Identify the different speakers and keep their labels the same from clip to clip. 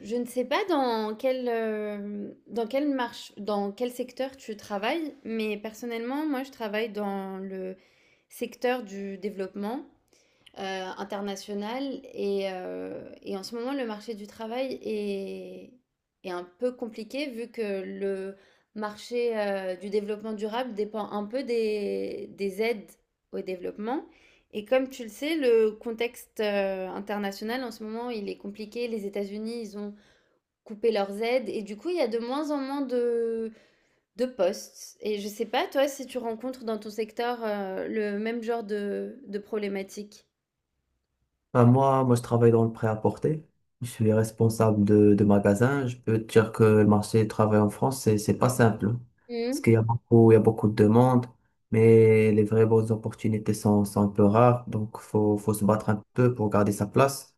Speaker 1: Je ne sais pas dans quel, dans quelle marche, dans quel secteur tu travailles, mais personnellement, moi, je travaille dans le secteur du développement euh, international et en ce moment, le marché du est un peu compliqué vu que le marché du développement durable dépend un peu des aides au développement. Et comme tu le sais, le contexte international en ce moment, il est compliqué. Les États-Unis, ils ont couper leurs aides et du coup, il y a de moins en moins de postes. Et je sais pas, toi, si tu rencontres dans ton secteur le même genre de problématique.
Speaker 2: Enfin, moi, je travaille dans le prêt-à-porter. Je suis responsable de magasin. Je peux te dire que le marché du travail en France, c'est pas simple, hein. Parce qu'il y a beaucoup de demandes, mais les vraies bonnes opportunités sont un peu rares. Donc, faut se battre un peu pour garder sa place,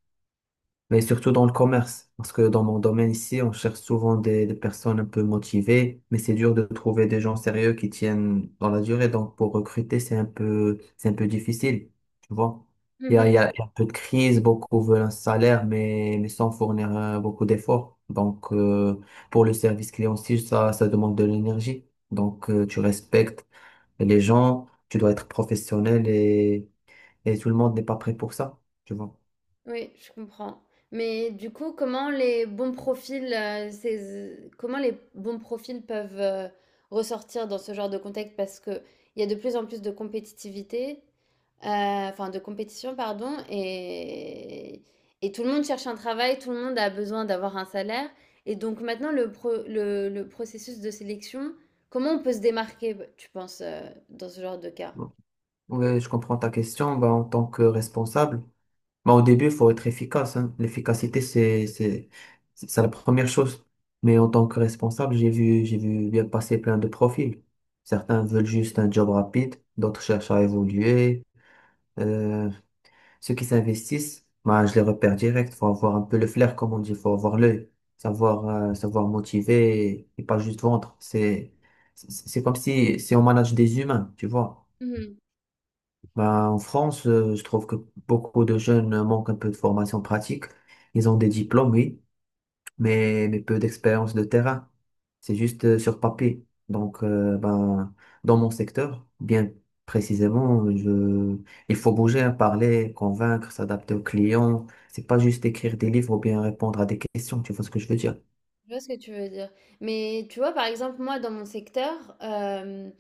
Speaker 2: mais surtout dans le commerce. Parce que dans mon domaine ici, on cherche souvent des personnes un peu motivées, mais c'est dur de trouver des gens sérieux qui tiennent dans la durée. Donc, pour recruter, c'est un peu difficile, tu vois. Il y
Speaker 1: Mhm.
Speaker 2: a, il y a, il y a un peu de crise, beaucoup veulent un salaire, mais sans fournir beaucoup d'efforts. Donc, pour le service client aussi, ça demande de l'énergie. Donc, tu respectes les gens, tu dois être professionnel et tout le monde n'est pas prêt pour ça, tu
Speaker 1: Oui, je comprends. Mais du coup, comment les bons profils peuvent ressortir dans ce genre de contexte? Parce que il y a de plus en plus de compétitivité, enfin de compétition, pardon, et tout le monde cherche un travail, tout le monde a besoin d'avoir un salaire. Et donc maintenant, le processus de sélection, comment on peut se démarquer, tu penses, dans ce genre de cas?
Speaker 2: vois. Oui, je comprends ta question. Bah en tant que responsable, bah au début, il faut être efficace, hein. L'efficacité, c'est la première chose. Mais en tant que responsable, j'ai vu bien passer plein de profils. Certains veulent juste un job rapide, d'autres cherchent à évoluer. Euh, Ceux qui s'investissent, bah je les repère direct. Faut avoir un peu le flair, comme on dit. Faut avoir l'œil, savoir motiver et pas juste vendre. C'est comme si on manage des humains, tu vois. Ben en France, je trouve que beaucoup de jeunes manquent un peu de formation pratique. Ils ont des diplômes, oui, mais peu d'expérience de terrain. C'est juste sur papier. Donc, ben, dans mon secteur, bien précisément, je... il faut bouger, hein, parler, convaincre, s'adapter aux clients. C'est pas juste écrire des livres ou bien répondre à des questions. Tu vois ce que je veux dire?
Speaker 1: Je vois ce que tu veux dire. Mais tu vois, par exemple, moi, dans mon secteur,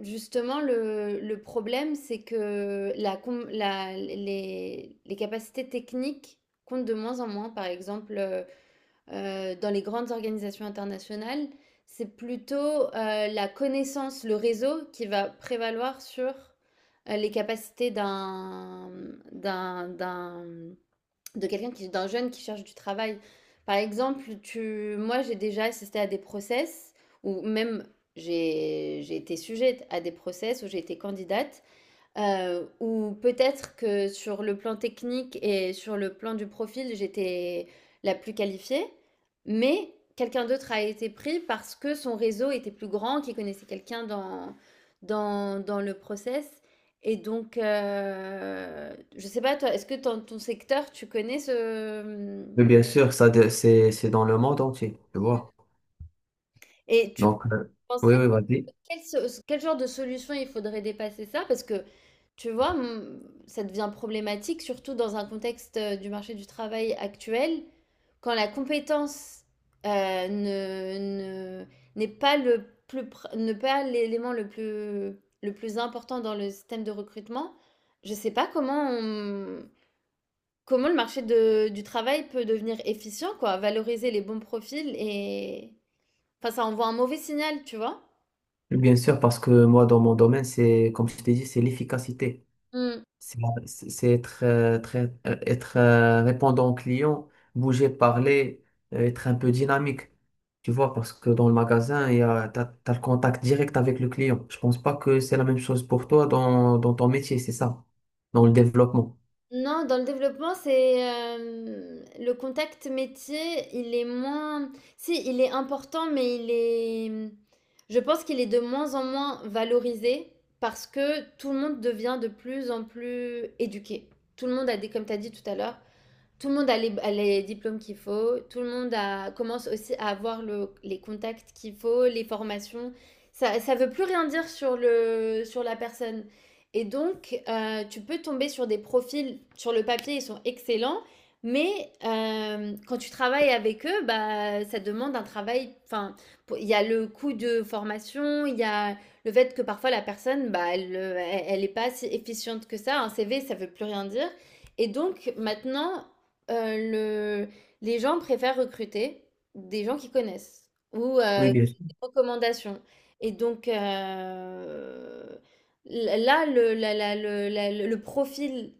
Speaker 1: justement, le problème, c'est que la, com- la- les capacités techniques comptent de moins en moins. Par exemple, dans les grandes organisations internationales, c'est plutôt la connaissance, le réseau qui va prévaloir sur les capacités d'un, d'un d'un jeune qui cherche du travail. Par exemple, moi j'ai déjà assisté à des process ou même j'ai été sujette à des process où j'ai été candidate. Ou peut-être que sur le plan technique et sur le plan du profil, j'étais la plus qualifiée, mais quelqu'un d'autre a été pris parce que son réseau était plus grand, qu'il connaissait quelqu'un dans le process. Et donc, je sais pas toi, est-ce que dans ton secteur, tu connais ce, mmh.
Speaker 2: Mais bien sûr, ça, c'est dans le monde entier, tu
Speaker 1: Mmh.
Speaker 2: vois.
Speaker 1: Et tu
Speaker 2: Donc, oui,
Speaker 1: penserais.
Speaker 2: oui, vas-y.
Speaker 1: Quel, quel genre de solution il faudrait dépasser ça? Parce que, tu vois, ça devient problématique, surtout dans un contexte du marché du travail actuel, quand la compétence euh, ne, ne- n'est pas le ne pas l'élément le plus important dans le système de recrutement, je ne sais pas comment comment le marché du travail peut devenir efficient, quoi, valoriser les bons profils et... Enfin, ça envoie un mauvais signal, tu vois?
Speaker 2: Bien sûr, parce que moi, dans mon domaine, c'est, comme je t'ai dit, c'est l'efficacité. C'est c'est être, très, être répondant au client, bouger, parler, être un peu dynamique. Tu vois, parce que dans le magasin, il y a, t'as le contact direct avec le client. Je pense pas que c'est la même chose pour toi dans, dans ton métier, c'est ça, dans le développement.
Speaker 1: Non, dans le développement, c'est hem, le contact métier, il est moins si, il est important, mais il est, mmh, je pense qu'il est de moins en moins valorisé parce que tout le monde devient de plus en plus éduqué. Tout le monde a des comme tu as dit tout à l'heure, tout le monde a les diplômes qu'il faut, tout le monde commence aussi à avoir les contacts qu'il faut, les formations. Ça veut plus rien dire sur sur la personne. Et donc, tu peux tomber sur des profils, sur le papier, ils sont excellents, mais quand tu travailles avec eux, bah, ça demande un travail. Enfin, il y a le coût de formation, il y a le fait que parfois la personne, bah, elle est pas si efficiente que ça. Un CV, ça ne veut plus rien dire. Et donc maintenant, le... Les gens préfèrent recruter des gens qu'ils connaissent ou
Speaker 2: Oui,
Speaker 1: des
Speaker 2: bien sûr.
Speaker 1: recommandations. Et donc l- là, le, la- la- le profil,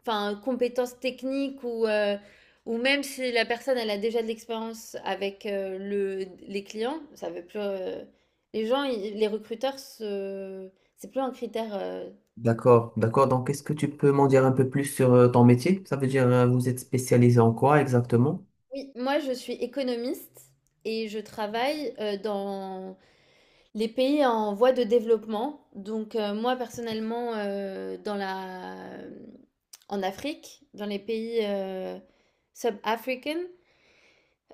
Speaker 1: enfin compétences techniques ou même si la personne elle a déjà de l'expérience avec les clients, ça veut plus. Euh, les les recruteurs, c'est plus un critère, euh.
Speaker 2: D'accord, d'accord. Donc, est-ce que tu peux m'en dire un peu plus sur ton métier? Ça veut dire, vous êtes spécialisé en quoi exactement?
Speaker 1: Oui, moi je suis économiste et je travaille dans les pays en voie de développement, donc moi personnellement dans la, en Afrique, dans les pays sub-africains,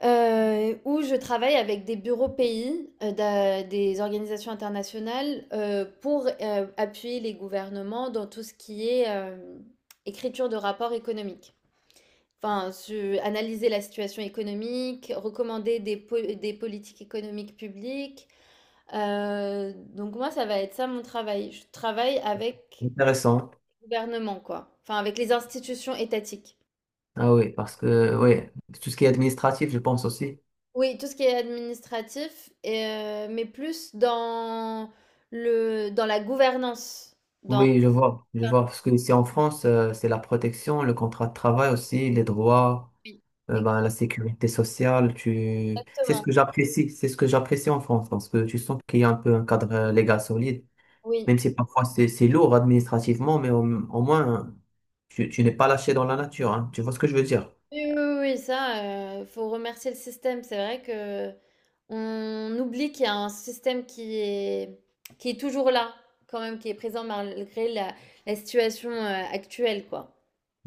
Speaker 1: où je travaille avec des bureaux pays, des organisations internationales pour appuyer les gouvernements dans tout ce qui est écriture de rapports économiques. Enfin, analyser la situation économique, recommander des politiques économiques publiques, donc moi, ça va être ça mon travail. Je travaille avec
Speaker 2: Intéressant.
Speaker 1: le gouvernement, quoi. Enfin, avec les institutions étatiques.
Speaker 2: Ah oui, parce que oui, tout ce qui est administratif, je pense aussi.
Speaker 1: Oui, tout ce qui est administratif, mais plus dans le, dans la gouvernance. Dans...
Speaker 2: Oui, je vois, je vois. Parce que ici en France, c'est la protection, le contrat de travail aussi, les droits,
Speaker 1: Oui,
Speaker 2: ben, la sécurité sociale. Tu... C'est ce
Speaker 1: exactement.
Speaker 2: que j'apprécie, c'est ce que j'apprécie en France, parce que tu sens qu'il y a un peu un cadre légal solide,
Speaker 1: Oui.
Speaker 2: même si parfois c'est lourd administrativement, mais au moins, tu n'es pas lâché dans la nature, hein. Tu vois ce que je veux dire?
Speaker 1: Oui, oui, oui, oui, ça, il faut remercier le système. C'est vrai que on oublie qu'il y a un système qui est toujours là, quand même, qui est présent malgré la, la situation actuelle, quoi.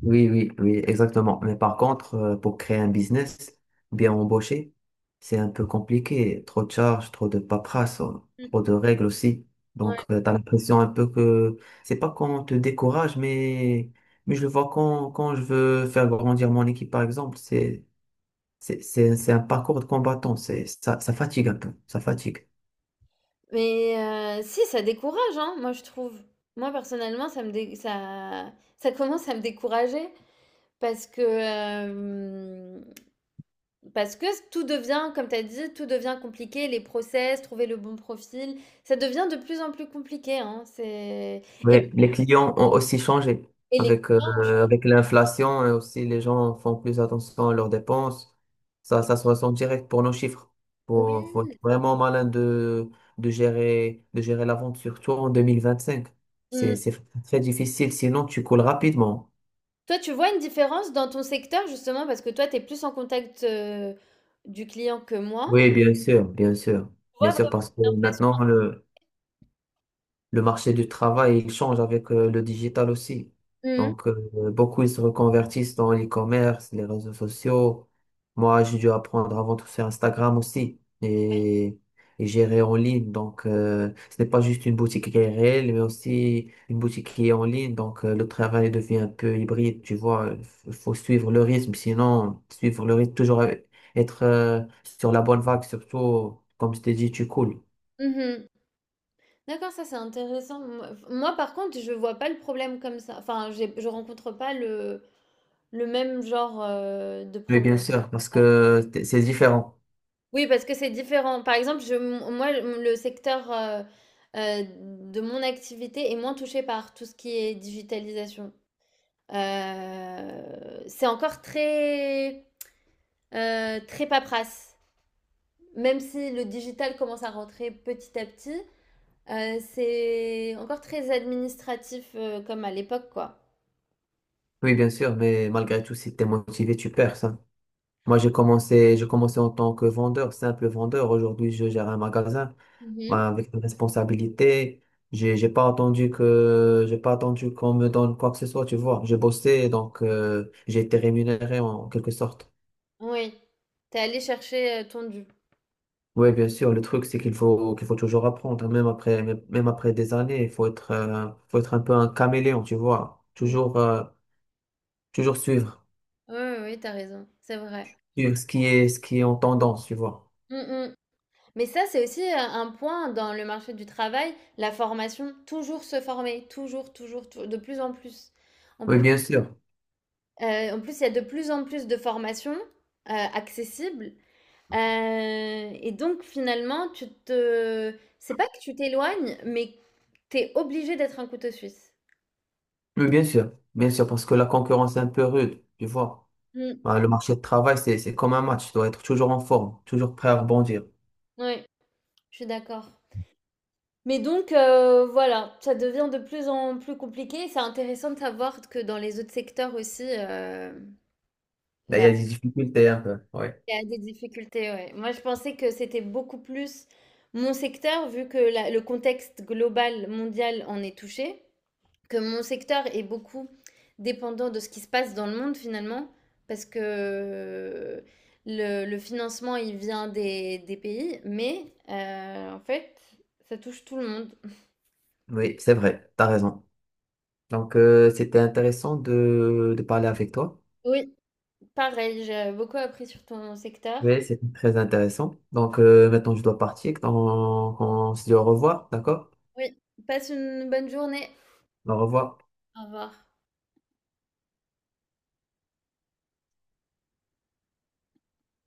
Speaker 2: Oui, oui, oui, exactement. Mais par contre, pour créer un business, bien embauché, c'est un peu compliqué. Trop de charges, trop de paperasse,
Speaker 1: Mm.
Speaker 2: trop de règles aussi.
Speaker 1: Ouais.
Speaker 2: Donc, tu as l'impression un peu que c'est pas qu'on te décourage, mais je le vois quand, quand je veux faire grandir mon équipe, par exemple, c'est un parcours de combattant. C'est, ça fatigue un peu. Ça fatigue.
Speaker 1: Mais si, ça décourage, hein, moi, je trouve. Moi, personnellement, ça commence à me décourager parce que, hem, parce que tout devient, comme tu as dit, tout devient compliqué, les process, trouver le bon profil, ça devient de plus en plus compliqué, hein, c'est et
Speaker 2: Oui, les clients ont aussi changé
Speaker 1: les
Speaker 2: avec,
Speaker 1: clients ont changé.
Speaker 2: avec l'inflation et aussi les gens font plus attention à leurs dépenses. Ça se ressent direct pour nos chiffres. Faut
Speaker 1: Oui,
Speaker 2: être
Speaker 1: c'est v.
Speaker 2: vraiment malin de gérer la vente, surtout en 2025.
Speaker 1: Mmh.
Speaker 2: C'est très difficile, sinon tu coules rapidement.
Speaker 1: Toi, tu vois une différence dans ton secteur, justement, parce que toi, tu es plus en contact, du client que moi.
Speaker 2: Oui, bien sûr, bien sûr.
Speaker 1: Tu vois
Speaker 2: Bien
Speaker 1: vraiment
Speaker 2: sûr, parce que
Speaker 1: l'inflation?
Speaker 2: maintenant, le marché du travail, il change avec le digital aussi.
Speaker 1: Mmh mh.
Speaker 2: Donc, beaucoup, ils se reconvertissent dans l'e-commerce, les réseaux sociaux. Moi, j'ai dû apprendre avant tout faire Instagram aussi et gérer en ligne. Donc, ce n'est pas juste une boutique qui est réelle, mais aussi une boutique qui est en ligne. Donc, le travail devient un peu hybride, tu vois. Il faut suivre le rythme, sinon, suivre le rythme, toujours être sur la bonne vague, surtout, comme je t'ai dit, tu coules.
Speaker 1: Mmh. D'accord, ça c'est intéressant. Moi, par contre, je vois pas le problème comme ça. Enfin, je rencontre pas le même genre de
Speaker 2: Mais
Speaker 1: problème.
Speaker 2: bien sûr, parce que c'est différent.
Speaker 1: Oui, parce que c'est différent. Par exemple, moi, le secteur euh, de mon activité est moins touché par tout ce qui est digitalisation. C'est encore très paperasse. Même si le digital commence à rentrer petit à petit, c'est encore très administratif comme à l'époque, quoi.
Speaker 2: Oui, bien sûr, mais malgré tout, si t'es motivé, tu perds ça. Moi, j'ai commencé en tant que vendeur, simple vendeur. Aujourd'hui, je gère un magasin, bah, avec des responsabilités. J'ai pas attendu que, j'ai pas attendu qu'on me donne quoi que ce soit, tu vois. J'ai bossé, donc, j'ai été rémunéré en quelque sorte.
Speaker 1: Oui, t'es allé chercher ton dû.
Speaker 2: Oui, bien sûr, le truc, c'est qu'il faut toujours apprendre, hein, même après, même après des années. Il faut être un peu un caméléon, tu vois.
Speaker 1: Oui,
Speaker 2: Toujours, toujours suivre,
Speaker 1: oui, oui, t'as raison, c'est vrai.
Speaker 2: suivre ce qui est en tendance, tu vois.
Speaker 1: Mm, mm. Mais ça, c'est aussi un point dans le marché du travail, la formation, toujours se former, de plus en plus. En
Speaker 2: Oui,
Speaker 1: plus,
Speaker 2: bien sûr.
Speaker 1: En plus, il y a de plus en plus de formations accessibles. Euh, et donc, finalement, tu te... C'est pas que tu t'éloignes, mais t'es obligé d'être un couteau suisse.
Speaker 2: Oui, bien sûr, parce que la concurrence est un peu rude, tu vois.
Speaker 1: Mm.
Speaker 2: Bah, le marché de travail, c'est comme un match, tu dois être toujours en forme, toujours prêt à rebondir.
Speaker 1: Oui, je suis d'accord. Mais donc, voilà, ça devient de plus en plus compliqué. C'est intéressant de savoir que dans les autres secteurs aussi, hem,
Speaker 2: Là, il
Speaker 1: bah,
Speaker 2: y a des difficultés un peu, oui.
Speaker 1: il y a des difficultés, ouais. Moi, je pensais que c'était beaucoup plus mon secteur, vu que la le contexte global mondial en est touché, que mon secteur est beaucoup dépendant de ce qui se passe dans le monde finalement, parce que le financement, il vient des pays, mais en fait, ça touche tout le monde.
Speaker 2: Oui, c'est vrai, t'as raison. Donc, c'était intéressant de parler avec toi.
Speaker 1: Oui. Pareil, j'ai beaucoup appris sur ton secteur.
Speaker 2: Oui, c'était très intéressant. Donc, maintenant, je dois partir. Donc, on se dit au revoir, d'accord?
Speaker 1: Oui, passe une bonne journée.
Speaker 2: Au revoir.
Speaker 1: Au revoir.